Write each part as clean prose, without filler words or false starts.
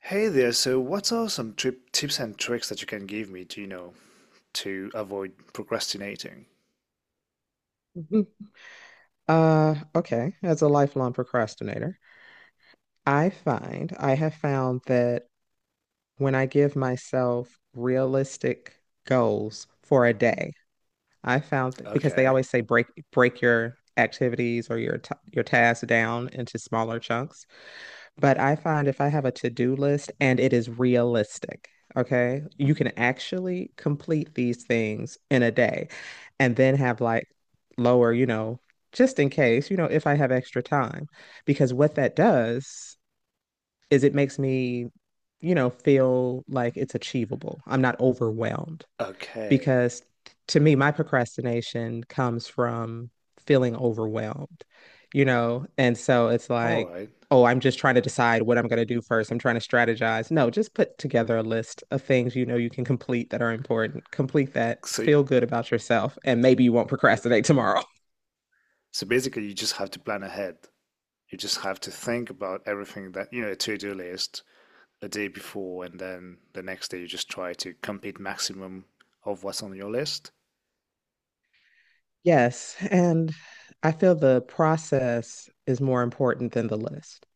Hey there, so what are some trip tips and tricks that you can give me to, to avoid procrastinating? Mhm. Okay. As a lifelong procrastinator, I have found that when I give myself realistic goals for a day, I found that because they Okay. always say break your activities or your ta your tasks down into smaller chunks. But I find if I have a to-do list and it is realistic, okay, you can actually complete these things in a day and then have like lower, just in case, if I have extra time. Because what that does is it makes me, feel like it's achievable. I'm not overwhelmed Okay. because to me, my procrastination comes from feeling overwhelmed. And so it's All like, right. oh, I'm just trying to decide what I'm going to do first. I'm trying to strategize. No, just put together a list of things you know you can complete that are important. Complete that, So, feel good about yourself, and maybe you won't yeah. procrastinate tomorrow. So basically you just have to plan ahead. You just have to think about everything that, you know, a to-do list a day before, and then the next day you just try to complete maximum of what's on your list. Yes, and I feel the process is more important than the list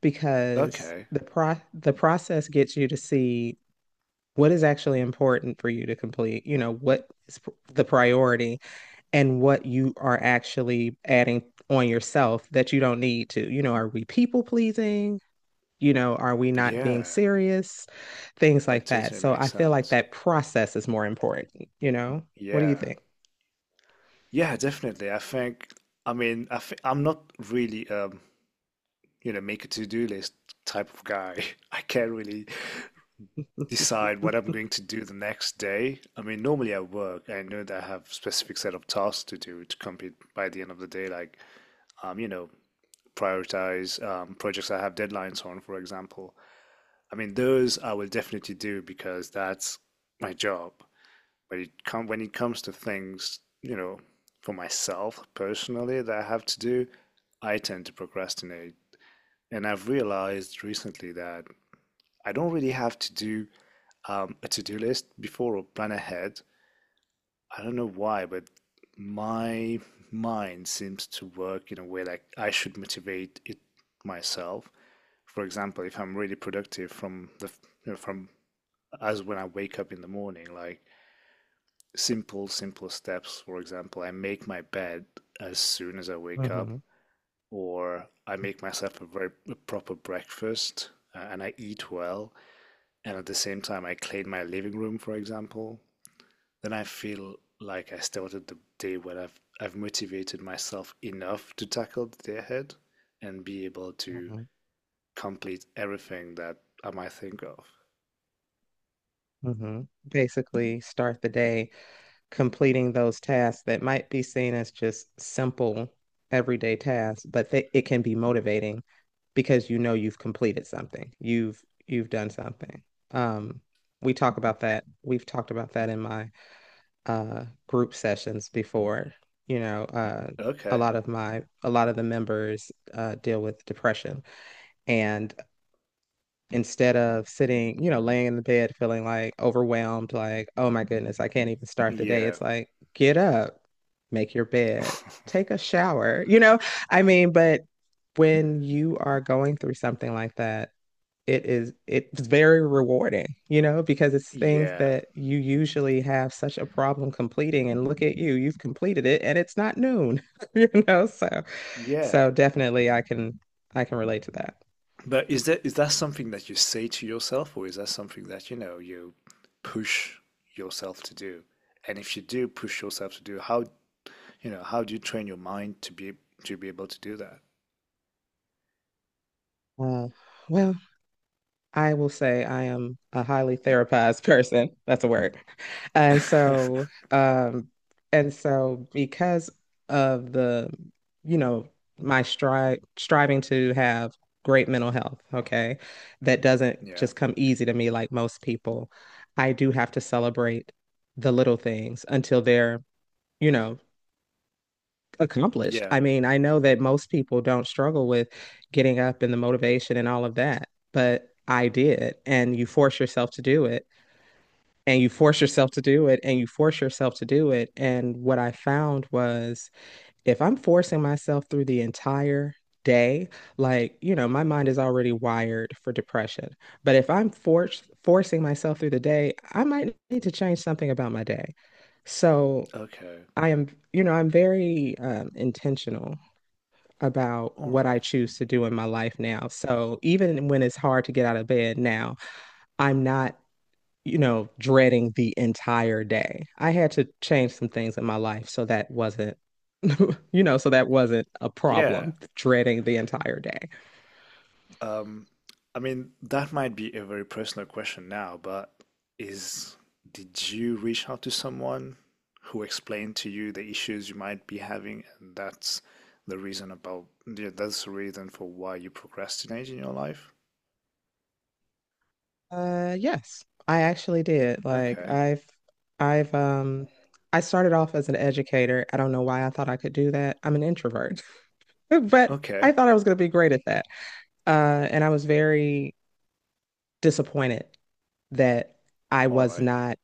because Okay. the pro the process gets you to see what is actually important for you to complete, you know, what is the priority and what you are actually adding on yourself that you don't need to. You know, are we people pleasing? You know, are we not being Yeah. serious? Things That like that. totally So makes I feel like sense. that process is more important, you know? What do you Yeah. think? Yeah, definitely. I think I mean, I'm not really you know, make a to-do list type of guy. I can't really decide what I'm going to do the next day. I mean, normally at work, I know that I have a specific set of tasks to do to complete by the end of the day, like you know, prioritize projects I have deadlines on, for example. I mean, those I will definitely do because that's my job. But it come when it comes to things, you know, for myself personally that I have to do, I tend to procrastinate. And I've realized recently that I don't really have to do a to-do list before or plan ahead. I don't know why, but my mind seems to work in a way like I should motivate it myself. For example, if I'm really productive from from as when I wake up in the morning, like simple steps. For example, I make my bed as soon as I wake up, hmm or I make myself a proper breakfast and I eat well, and at the same time I clean my living room, for example. Then I feel like I started the day when I've motivated myself enough to tackle the day ahead and be able to hmm complete everything that I might think of. hmm Basically, start the day completing those tasks that might be seen as just simple everyday tasks, but it can be motivating because you know you've completed something. You've done something. Um, we talk about that. We've talked about that in my group sessions before. You know, Okay. A lot of the members deal with depression, and instead of sitting, you know, laying in the bed feeling like overwhelmed, like, oh my goodness, I can't even start the day. Yeah. It's like, get up, make your bed, take a shower, you know? I mean, but when you are going through something like that, it's very rewarding, you know, because it's things Yeah. that you usually have such a problem completing and look at you, you've completed it and it's not noon, you know? So Yeah. so definitely I can relate to that. But is that something that you say to yourself, or is that something that, you know, you push yourself to do? And if you do push yourself to do, how, you know, how do you train your mind to be able to do that? Uh, well, I will say I am a highly therapized person. That's a word. And so, um, and so because of the, you know, my strive striving to have great mental health, okay, that doesn't Yeah. just come easy to me like most people. I do have to celebrate the little things until they're, you know, accomplished. Yeah. I mean, I know that most people don't struggle with getting up and the motivation and all of that, but I did. And you force yourself to do it, and you force yourself to do it. And what I found was if I'm forcing myself through the entire day, like, you know, my mind is already wired for depression. But if I'm forced forcing myself through the day, I might need to change something about my day. So Okay. I am, you know, I'm very intentional about All what I right. choose to do in my life now. So even when it's hard to get out of bed now, I'm not, you know, dreading the entire day. I had to change some things in my life so that wasn't, you know, so that wasn't a Yeah. problem, dreading the entire day. Um, I mean, that might be a very personal question now, but is did you reach out to someone who explained to you the issues you might be having, and that's the reason about yeah, that's the reason for why you procrastinate in your life? Yes, I actually did. Okay. I've um I started off as an educator. I don't know why I thought I could do that. I'm an introvert, but I Okay. thought I was going to be great at that. And I was very disappointed that I All was right. not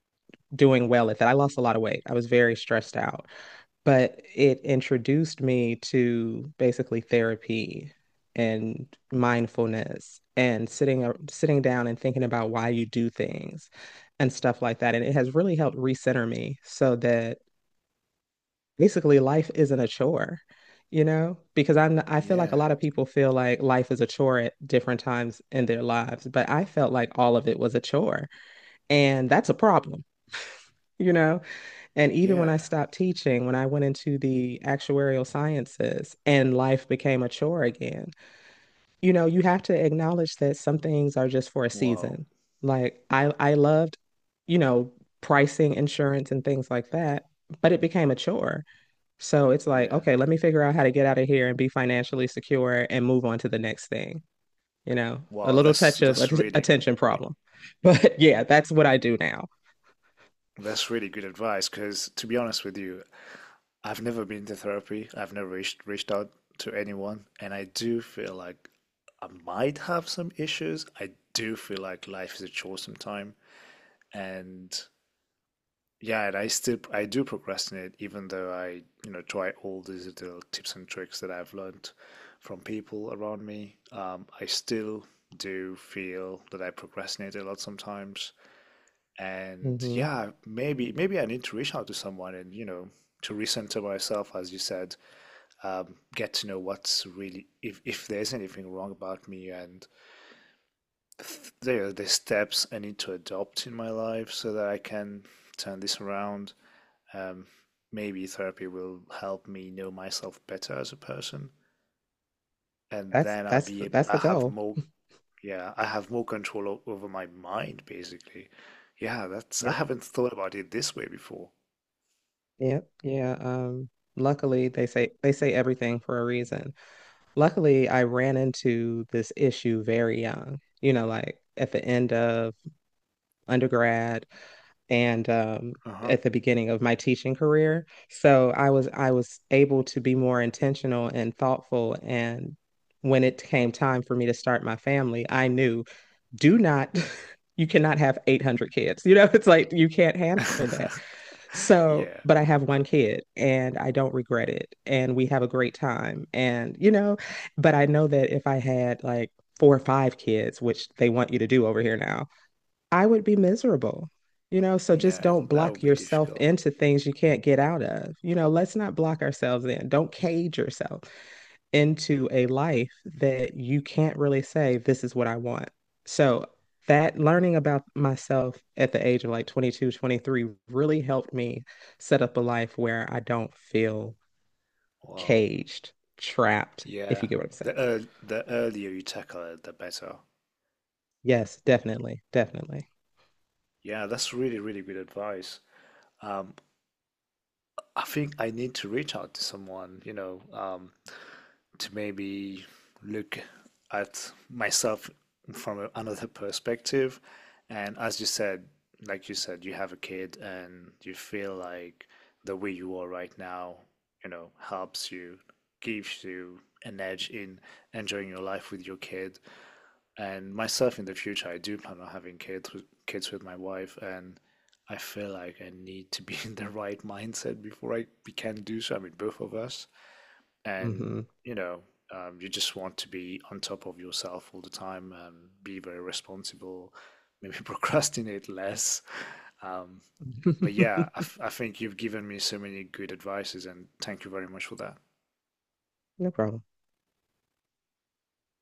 doing well at that. I lost a lot of weight. I was very stressed out but it introduced me to basically therapy and mindfulness and sitting down and thinking about why you do things and stuff like that. And it has really helped recenter me so that basically life isn't a chore, you know? Because I feel like a Yeah. lot of people feel like life is a chore at different times in their lives, but I felt like all of it was a chore, and that's a problem. You know, and even when I Yeah. stopped teaching, when I went into the actuarial sciences and life became a chore again, you know, you have to acknowledge that some things are just for a Wow. season. Like I loved, you know, pricing insurance and things like that, but it became a chore. So it's like, Yeah. okay, let me figure out how to get out of here and be financially secure and move on to the next thing. You know, a Wow, little touch of that's really. attention problem. But yeah, that's what I do now. That's really good advice because, to be honest with you, I've never been to therapy. I've never reached out to anyone, and I do feel like I might have some issues. I do feel like life is a chore sometimes, and yeah, and I do procrastinate, even though I you know try all these little tips and tricks that I've learned from people around me. I still do feel that I procrastinate a lot sometimes, and Hmm yeah, maybe I need to reach out to someone and, you know, to recenter myself, as you said. Get to know what's really, if there's anything wrong about me, and there are the steps I need to adopt in my life so that I can turn this around. Um, Maybe therapy will help me know myself better as a person, and That's then I the have goal. more yeah I have more control over my mind basically. Yeah, that's I Yep. haven't thought about it this way before. Yep. Yeah. Luckily they say everything for a reason. Luckily, I ran into this issue very young, you know, like at the end of undergrad and Uh huh. at the beginning of my teaching career. So I was able to be more intentional and thoughtful and when it came time for me to start my family, I knew do not you cannot have 800 kids, you know. It's like you can't handle that, so Yeah, but I have one kid and I don't regret it and we have a great time, and you know, but I know that if I had like 4 or 5 kids, which they want you to do over here now, I would be miserable, you know? So just yeah, don't that would block be yourself difficult. into things you can't get out of, you know, let's not block ourselves in. Don't cage yourself into a life that you can't really say, this is what I want. So that learning about myself at the age of like 22, 23 really helped me set up a life where I don't feel Wow. caged, trapped, if Yeah, you get what I'm saying. The earlier you tackle it, the better. Yes, definitely, definitely. Yeah, that's really, really good advice. Um, I think I need to reach out to someone, you know, to maybe look at myself from another perspective. And as you said, like you said, you have a kid and you feel like the way you are right now, you know, helps you, gives you an edge in enjoying your life with your kid. And myself in the future, I do plan on having kids with my wife, and I feel like I need to be in the right mindset before I can do so. I mean, both of us, and Hmm you know, you just want to be on top of yourself all the time, be very responsible, maybe procrastinate less. Um, but yeah, I think you've given me so many good advices, and thank you very much for that. No problem.